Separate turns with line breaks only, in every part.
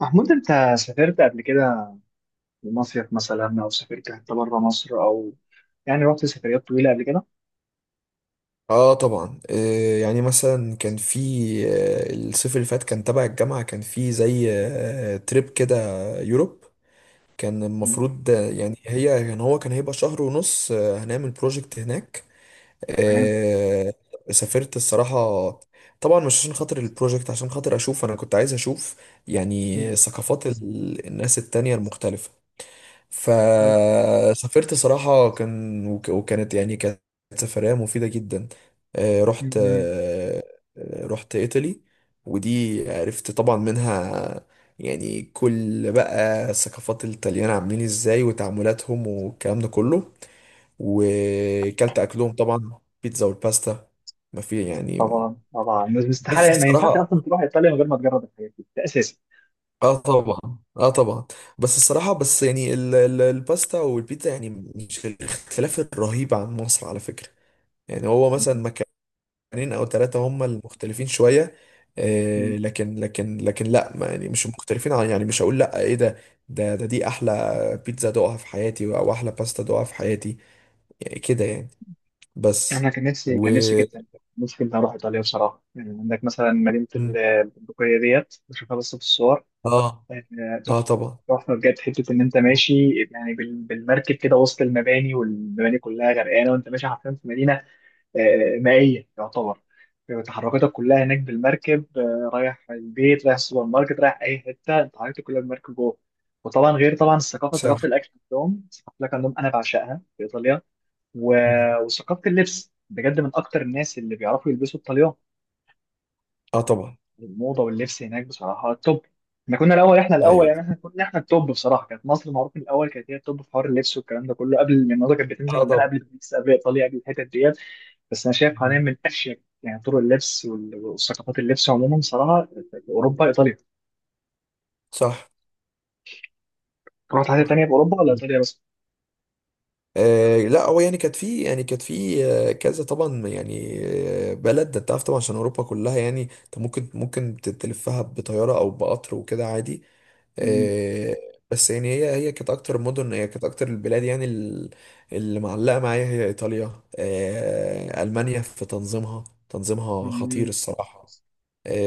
محمود، انت سافرت قبل كده لمصيف مثلا او سافرت حتى بره مصر، او يعني رحت سفريات طويله قبل كده؟
اه طبعا يعني مثلا كان في الصيف اللي فات، كان تبع الجامعة، كان في زي تريب كده، يوروب. كان
مم.
المفروض آه، يعني هي يعني هو كان هيبقى شهر ونص. هنعمل بروجكت هناك.
تمام.
آه، سافرت الصراحة. طبعا مش عشان خاطر البروجكت، عشان خاطر انا كنت عايز اشوف
مم.
يعني ثقافات الناس التانية المختلفة.
حلو.
فسافرت صراحة، كان وك- وكانت يعني كانت سفرية مفيدة جدا. آه، رحت
مم.
آه، رحت إيطالي. ودي عرفت طبعا منها يعني كل بقى ثقافات الطليان عاملين ازاي وتعاملاتهم والكلام ده كله. وكلت أكلهم طبعا، بيتزا والباستا. ما في يعني.
طبعا طبعا، بس
بس
استحاله ما ينفعش
الصراحة.
اصلا تروح ايطاليا من غير ما تجرب الحاجات دي، ده اساسي.
اه طبعا. اه طبعا. بس الصراحة، بس يعني الباستا والبيتزا يعني مش الاختلاف الرهيب عن مصر على فكرة. يعني هو مثلا
مم.
مكانين او ثلاثة هم المختلفين شوية، آه
مم.
لكن لكن لكن لا، ما يعني مش مختلفين عن، يعني مش هقول لا ايه ده، دي احلى بيتزا دوقها في حياتي، او احلى باستا دوقها في حياتي، يعني كده يعني. بس
انا كان نفسي
و.
كان نفسي جدا نفسي جدا اروح ايطاليا بصراحه. يعني عندك مثلا مدينه
مم.
البندقيه ديت، بشوفها بس في الصور.
اه. اه
تحفه.
طبعا.
تحفه بجد، حته ان انت ماشي يعني بالمركب كده وسط المباني، والمباني كلها غرقانه وانت ماشي حرفيا في مدينه مائية يعتبر. تحركاتك كلها هناك بالمركب، رايح البيت، رايح السوبر ماركت، رايح أي حتة، أنت حركتك كلها بالمركب جوه. وطبعا غير طبعا الثقافة،
صح.
ثقافة الأكل عندهم، ثقافة الأكل عندهم أنا بعشقها في إيطاليا. و...
مم.
وثقافة اللبس بجد، من أكتر الناس اللي بيعرفوا يلبسوا الطليان.
اه طبعا.
الموضة واللبس هناك بصراحة توب. احنا كنا الأول، احنا الأول
ايوه.
يعني، احنا كنا، احنا التوب بصراحة. كانت مصر معروف من الأول كانت هي التوب في حوار اللبس والكلام ده كله، قبل ما الموضة كانت بتنزل
اه
عندنا
طبعا.
قبل باريس، قبل إيطاليا، قبل الحتت ديت. بس انا شايف حاليا
مم.
من اشيك يعني طرق اللبس وثقافات اللبس عموما صراحه اوروبا، ايطاليا.
صح.
رحت حاجه
صح.
تانيه في اوروبا ولا ايطاليا بس؟
لا، هو يعني كانت في كذا طبعا يعني بلد. ده انت عارف طبعا، عشان اوروبا كلها، يعني انت ممكن تلفها بطياره او بقطر وكده عادي.
مم.
آه بس يعني هي كانت اكتر البلاد، يعني اللي معلقه معايا هي ايطاليا. المانيا في تنظيمها، تنظيمها خطير
مم.
الصراحه.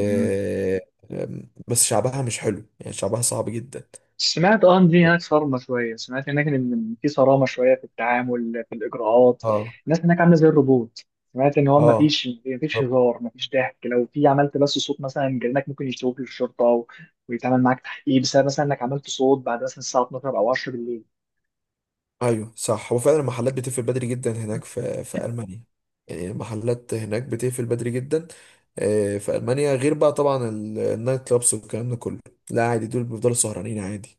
مم.
آم، بس شعبها مش حلو، يعني شعبها صعب جدا.
سمعت ان دي هناك صارمه شويه، سمعت هناك ان في صرامه شويه في التعامل، في الاجراءات.
اه.
الناس هناك عامله زي الروبوت. سمعت ان هو ما
اه.
فيش ما فيش هزار، ما فيش ضحك، لو في عملت بس صوت مثلا، جيرانك ممكن يشتكوك للشرطه ويتعمل معاك تحقيق بسبب مثلا انك عملت صوت بعد مثلا الساعه 12 او 10 بالليل.
ايوه صح، هو فعلا المحلات بتقفل بدري جدا هناك في المانيا. يعني المحلات هناك بتقفل بدري جدا في المانيا، غير بقى طبعا النايت كلابس والكلام ده كله. لا عادي، دول بيفضلوا سهرانين عادي.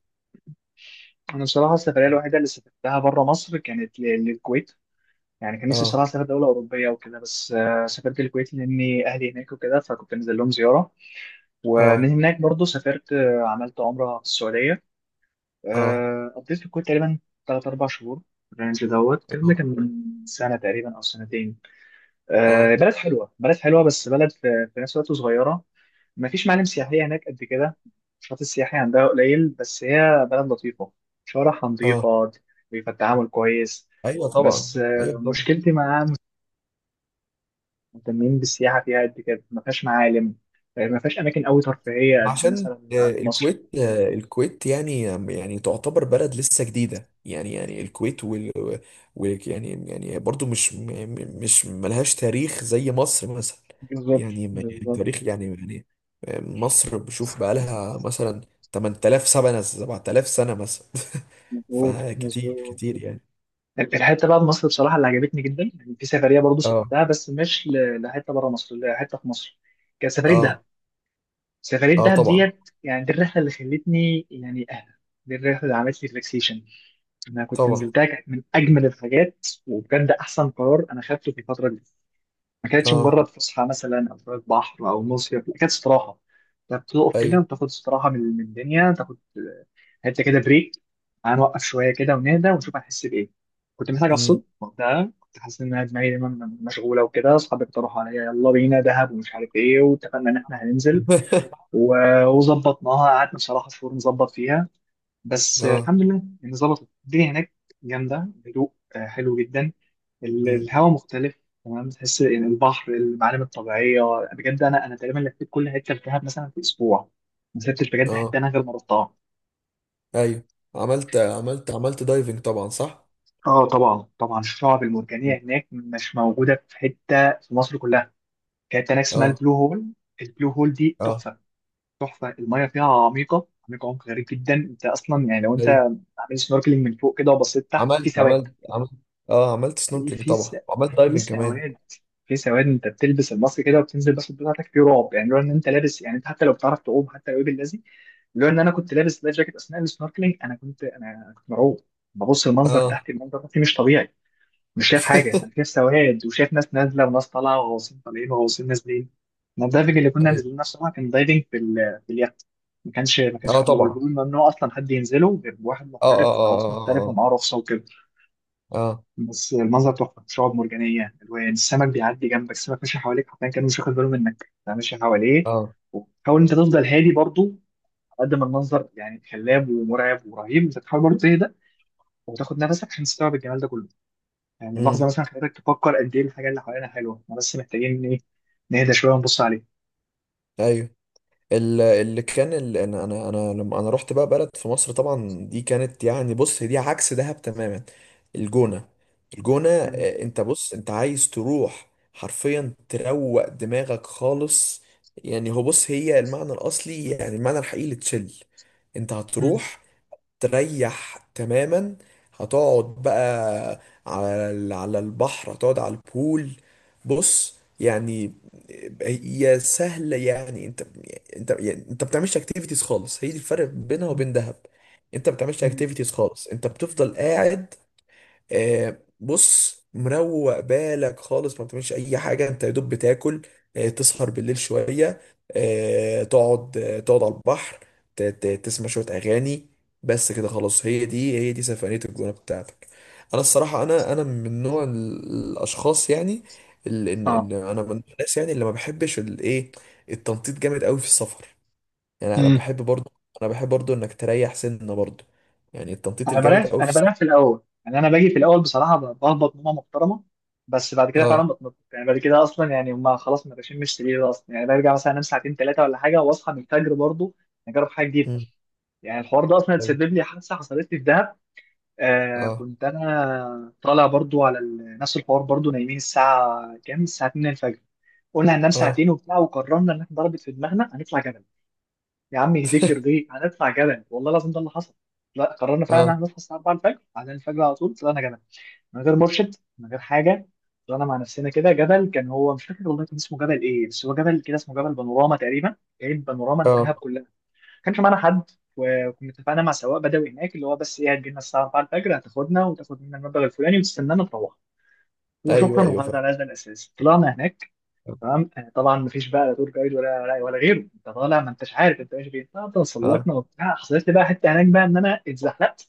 انا بصراحه السفريه الوحيده اللي سافرتها بره مصر كانت للكويت. يعني كان نفسي صراحه
اه.
اسافر دوله اوروبيه وكده، بس سافرت الكويت لاني اهلي هناك وكده، فكنت نازل لهم زياره.
اه.
ومن هناك برضو سافرت، عملت عمره في السعوديه.
اه.
قضيت في الكويت تقريبا ثلاث اربع شهور. الرينج دوت الكلام ده كان
اه.
من سنه تقريبا او سنتين.
اه.
بلد حلوه، بلد حلوه، بس بلد في في نفس الوقت صغيره. مفيش معالم سياحية هناك قد كده، النشاط السياحي عندها قليل، بس هي بلد لطيفة، شوارعها
اه.
نظيفة، بيبقى التعامل كويس.
ايوه طبعا،
بس
ايوه طبعا.
مشكلتي معاها مش مهتمين بالسياحة فيها قد كده، ما فيهاش معالم، ما فيهاش أماكن أوي ترفيهية قد
عشان
مثلا
آه،
عند مصر.
الكويت آه، الكويت يعني تعتبر بلد لسه جديدة، يعني الكويت وال, وال يعني يعني برضو مش م- م- مش ملهاش تاريخ زي مصر مثلا.
بالظبط
يعني
بالظبط.
تاريخ يعني مصر بشوف بقالها مثلا 8000 سنة، 7000 سنة مثلا
مظبوط
فكتير
مظبوط.
كتير يعني.
الحتة بقى في مصر بصراحة اللي عجبتني جدا يعني، في سفرية برضه
اه.
سافرتها بس مش لحتة بره مصر، لحتة في مصر. كانت سفرية دهب.
اه.
سفرية
اه
دهب
طبعا
ديت يعني، دي الرحلة اللي خلتني يعني أهدى، دي الرحلة اللي عملت لي ريلاكسيشن. أنا كنت
طبعا.
نزلتها، كانت من أجمل الحاجات، وبجد أحسن قرار أنا خدته في الفترة دي. ما كانتش
اه.
مجرد فسحة مثلا أو شوية بحر أو مصيف، لا، كانت استراحة. أنت بتقف كده
ايوه.
وتاخد استراحة من الدنيا، تاخد حتة كده بريك، هنوقف شوية كده ونهدى ونشوف هنحس بإيه. كنت محتاج
مم.
أفصل وقتها، كنت حاسس إن أنا دماغي دايما مشغولة وكده، أصحابي اقترحوا عليا يلا بينا دهب ومش عارف إيه، واتفقنا إن إحنا هننزل وظبطناها. قعدنا بصراحة شهور نظبط فيها. بس
اه.
الحمد لله يعني ظبطت الدنيا هناك جامدة، هدوء، حلو جدا.
مم.
الهواء مختلف تمام، تحس يعني البحر، المعالم الطبيعية. بجد أنا أنا تقريبا لفيت كل حتة في دهب مثلا في أسبوع، ما سبتش بجد حتة
اه.
أنا غير ما رحتها.
ايوه. عملت دايفنج طبعا، صح.
اه طبعا طبعا، الشعب المرجانية هناك مش موجودة في حتة في مصر كلها. كانت هناك اسمها
اه.
البلو هول. البلو هول دي
اه.
تحفة. تحفه، الميه فيها عميقه عميقه، عمق غريب جدا. انت اصلا يعني لو انت
ايوه،
عامل سنوركلينج من فوق كده وبصيت تحت، في
عملت
سواد.
عملت عملت اه عملت
في
سنوركلينج
في س...
طبعا، وعملت
في
دايفنج كمان.
سواد، في سواد، انت بتلبس الماسك كده وبتنزل بس بتاعتك في رعب. يعني لو ان انت لابس يعني، انت حتى لو بتعرف تعوم، حتى لو ايه باللذي، لو ان انا كنت لابس لايف جاكيت اثناء السنوركلينج، انا كنت مرعوب. ببص المنظر
اه.
تحت، المنظر تحت مش طبيعي، مش شايف حاجة، أنا شايف سواد، وشايف ناس نازلة وناس طالعة وغواصين طالعين وغواصين نازلين. ما الدايفنج اللي كنا
ايوه.
نازلين الصراحة كان دايفنج في في اليخت، ما كانش في
اه
البلو هول. البلو
طبعا.
هول ممنوع أصلا حد ينزله غير بواحد
اه. اه.
محترف، غواص محترف
اه.
ومعاه رخصة وكده.
اه. اه. اه.
بس المنظر تحفة، شعاب مرجانية، ألوان السمك بيعدي جنبك، السمك ماشي حواليك حرفيا، كان مش واخد باله منك، أنت ماشي حواليه.
اه.
وحاول أنت تفضل هادي برضه، على قد ما المنظر يعني خلاب ومرعب ورهيب، أنت تحاول برضه تهدى وتاخد نفسك عشان تستوعب الجمال ده كله. يعني اللحظة
امم.
مثلا خلتك تفكر قد إيه الحاجة اللي حوالينا حلوة، إحنا بس محتاجين إيه، نهدى شوية ونبص عليها.
ايوه. انا انا انا لما انا رحت بقى بلد في مصر طبعا، دي كانت يعني، بص، هي دي عكس دهب تماما. الجونة. الجونة،
مم.
انت بص، انت عايز تروح حرفيا تروق دماغك خالص. يعني هو، بص، هي المعنى الاصلي، يعني المعنى الحقيقي لتشيل. انت
مم.
هتروح تريح تماما، هتقعد بقى على على البحر، هتقعد على البول. بص يعني، هي سهلة يعني، انت، انت بتعملش اكتيفيتيز خالص، هي دي الفرق بينها وبين دهب. انت بتعملش
مم.
اكتيفيتيز خالص، انت بتفضل قاعد. بص مروق بالك خالص، ما بتعملش اي حاجه، انت يا دوب بتاكل، تسهر بالليل شويه، تقعد على البحر، تسمع شويه اغاني، بس كده خلاص. هي دي سفريه الجونه بتاعتك. انا الصراحه، انا من نوع الاشخاص، يعني ال- ان ان
آه.
انا من الناس يعني اللي ما بحبش الايه، التنطيط جامد قوي في السفر. يعني انا
مم.
بحب برضو انا بحب برضو انك تريح سنه برضو، يعني التنطيط
أنا
الجامد
بلاش،
قوي في
أنا
السفر.
بلاش في الأول يعني، أنا باجي في الأول بصراحة بهبط نومة محترمة. بس بعد كده
اه.
فعلا بتنطط يعني، بعد كده أصلا يعني هما خلاص ما بشمش سرير أصلا، يعني برجع مثلا أنام ساعتين ثلاثة ولا حاجة وأصحى من الفجر برضه، أجرب حاجة جديدة.
مم.
يعني الحوار ده أصلا اتسبب لي حادثة حصلت لي في دهب. آه
اه.
كنت أنا طالع برضه على نفس الحوار برضه، نايمين الساعة كام؟ الساعة 2 الفجر. قلنا هننام
اه.
ساعتين وبتاع، وقررنا ان احنا ضربت في دماغنا هنطلع جبل. يا عم يهديكر ليه هنطلع جبل، والله لازم ده اللي حصل. لا قررنا فعلا ان
اه.
احنا نصحى الساعه 4 الفجر، بعدين الفجر على طول طلعنا جبل، من غير مرشد، من غير حاجه. طلعنا مع نفسنا كده جبل، كان هو مش فاكر والله كان اسمه جبل ايه، بس هو جبل كده اسمه جبل بانوراما تقريبا، جايب بانوراما
اه.
الدهب كلها. ما كانش معانا حد. وكنا اتفقنا مع سواق بدوي هناك، اللي هو بس ايه هتجيلنا الساعه 4 الفجر، هتاخدنا وتاخد منا المبلغ الفلاني وتستنانا تروح
ايوه.
وشكرا.
ايوه
وهذا
فاهم.
على هذا الاساس طلعنا هناك. تمام. طبعا مفيش بقى لا تور جايد ولا غيره، انت طالع ما انتش عارف انت ماشي فين. طب
اه.
تسلقنا وبتاع، حصلت لي بقى حته هناك بقى ان انا اتزحلقت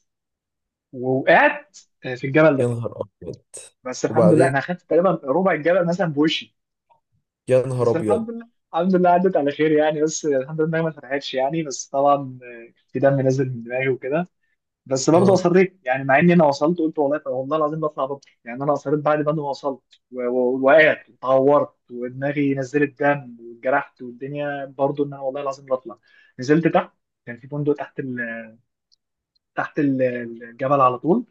ووقعت في الجبل
يا
ده.
نهار ابيض.
بس الحمد لله انا
وبعدين.
اخدت تقريبا ربع الجبل مثلا بوشي،
يا نهار
بس
ابيض.
الحمد لله، الحمد لله عدت على خير يعني، بس الحمد لله إنها ما اتفتحتش يعني، بس طبعا في دم نازل من دماغي وكده. بس برضه
اه.
اصريت يعني، مع اني انا وصلت قلت والله والله العظيم بطلع، بطل يعني انا اصريت بعد ما انا وصلت ووقعت واتعورت ودماغي نزلت دم واتجرحت، والدنيا برضه ان انا والله العظيم بطلع. نزلت تحت، كان في فندق تحت تحت ال- الجبل على طول.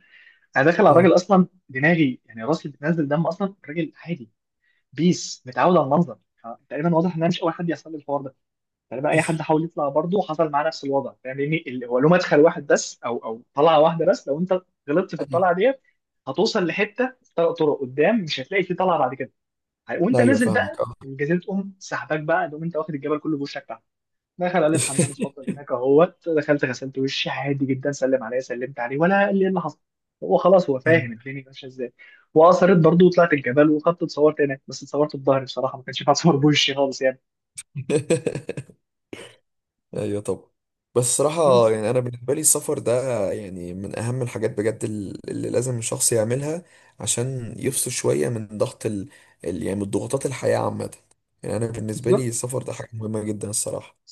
انا داخل على
اه.
الراجل اصلا دماغي يعني راسي بتنزل دم، اصلا الراجل عادي بيس متعود على المنظر، تقريبا واضح ان انا مش اول حد يحصل لي الحوار ده. فلما اي حد حاول يطلع برضه حصل معاه نفس الوضع، فاهم يعني هو له مدخل واحد بس، او طلعه واحده بس، لو انت غلطت في
ايوه.
الطلعه ديت هتوصل لحته ثلاث طرق قدام، مش هتلاقي في طلعه بعد كده. وانت
ايوه
نازل
فاهمك.
بقى
اه.
الجزيره تقوم سحباك، بقى تقوم انت واخد الجبل كله بوشك تحت. دخل قال لي الحمام اتفضل هناك اهوت، دخلت غسلت وشي عادي جدا، سلم عليا سلمت عليه ولا قال لي ايه اللي حصل، هو خلاص هو
مم.
فاهم الدنيا ماشيه ازاي. واثرت برضه وطلعت الجبل وخدت اتصورت هناك، بس اتصورت بظهري بصراحه ما كانش ينفع اتصور بوشي خالص يعني.
ايوه طبعا. بس صراحة، يعني انا بالنسبة لي السفر ده يعني من اهم الحاجات بجد اللي لازم الشخص يعملها عشان يفصل شوية من ضغط يعني من ضغوطات الحياة عامة. يعني انا بالنسبة لي
بس
السفر ده حاجة مهمة جدا الصراحة.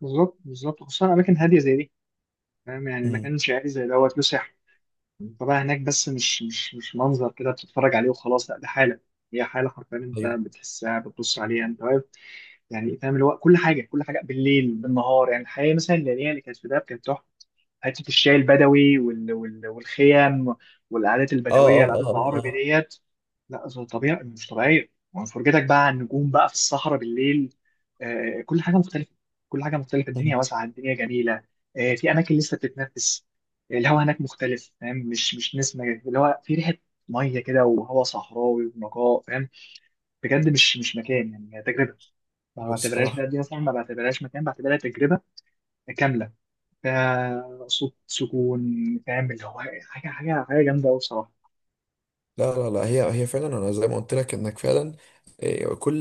بالظبط بالظبط، خصوصا اماكن هاديه زي دي، فاهم يعني
امم.
مكان شعبي زي دوت له سحر طبعا هناك. بس مش منظر كده بتتفرج عليه وخلاص، لا ده حاله، هي حاله حرفيا انت
ايوه.
بتحسها، بتبص عليها انت واقف. يعني فاهم اللي هو كل حاجه، كل حاجه بالليل بالنهار، يعني الحياه مثلا الليليه اللي كانت في دهب كانت تحفه. حته الشاي البدوي والخيام والعادات
اه.
البدويه، العادات
اه.
العربي
اه.
ديت، لا طبيعي، مش طبيعيه. وفرجتك بقى على النجوم بقى في الصحراء بالليل. آه كل حاجه مختلفه. كل حاجه مختلفه،
اه.
الدنيا واسعه، الدنيا جميله. آه في اماكن لسه بتتنفس. الهواء هناك مختلف فاهم، مش نسمه، اللي هو في ريحه ميه كده وهواء صحراوي ونقاء فاهم. بجد مش مكان يعني، هي تجربه. ما
ايوه
بعتبرهاش
الصراحه.
بقى دي مثلا، ما بعتبرهاش مكان، بعتبرها تجربه كامله. صوت سكون، فاهم اللي هو حاجة جامدة أوي بصراحة.
لا، لا، لا، هي فعلا، انا زي ما قلت لك انك فعلا، إيه،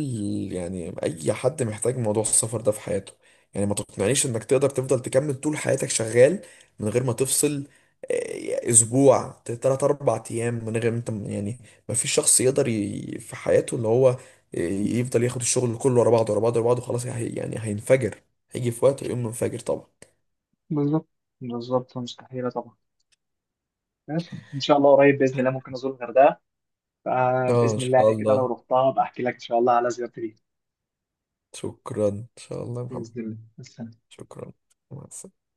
يعني اي حد محتاج موضوع السفر ده في حياته. يعني ما تقنعنيش انك تقدر تفضل تكمل طول حياتك شغال من غير ما تفصل إيه، اسبوع، تلات اربع ايام، من غير ما انت يعني. ما فيش شخص يقدر في حياته، اللي هو إيه، يفضل ياخد الشغل كله ورا بعضه ورا بعضه ورا بعضه. خلاص يعني هينفجر، هيجي في وقت ويقوم منفجر طبعا.
بالظبط بالظبط، مستحيلة طبعا. بس إن شاء الله قريب بإذن الله ممكن أزور الغردقة،
اه ان
فبإذن الله
شاء
يعني كده لو
الله.
رحتها بحكي لك إن شاء الله على زيارتي ليها.
شكرا ان شاء الله يا محمد.
بإذن الله بس.
شكرا. مع السلامه.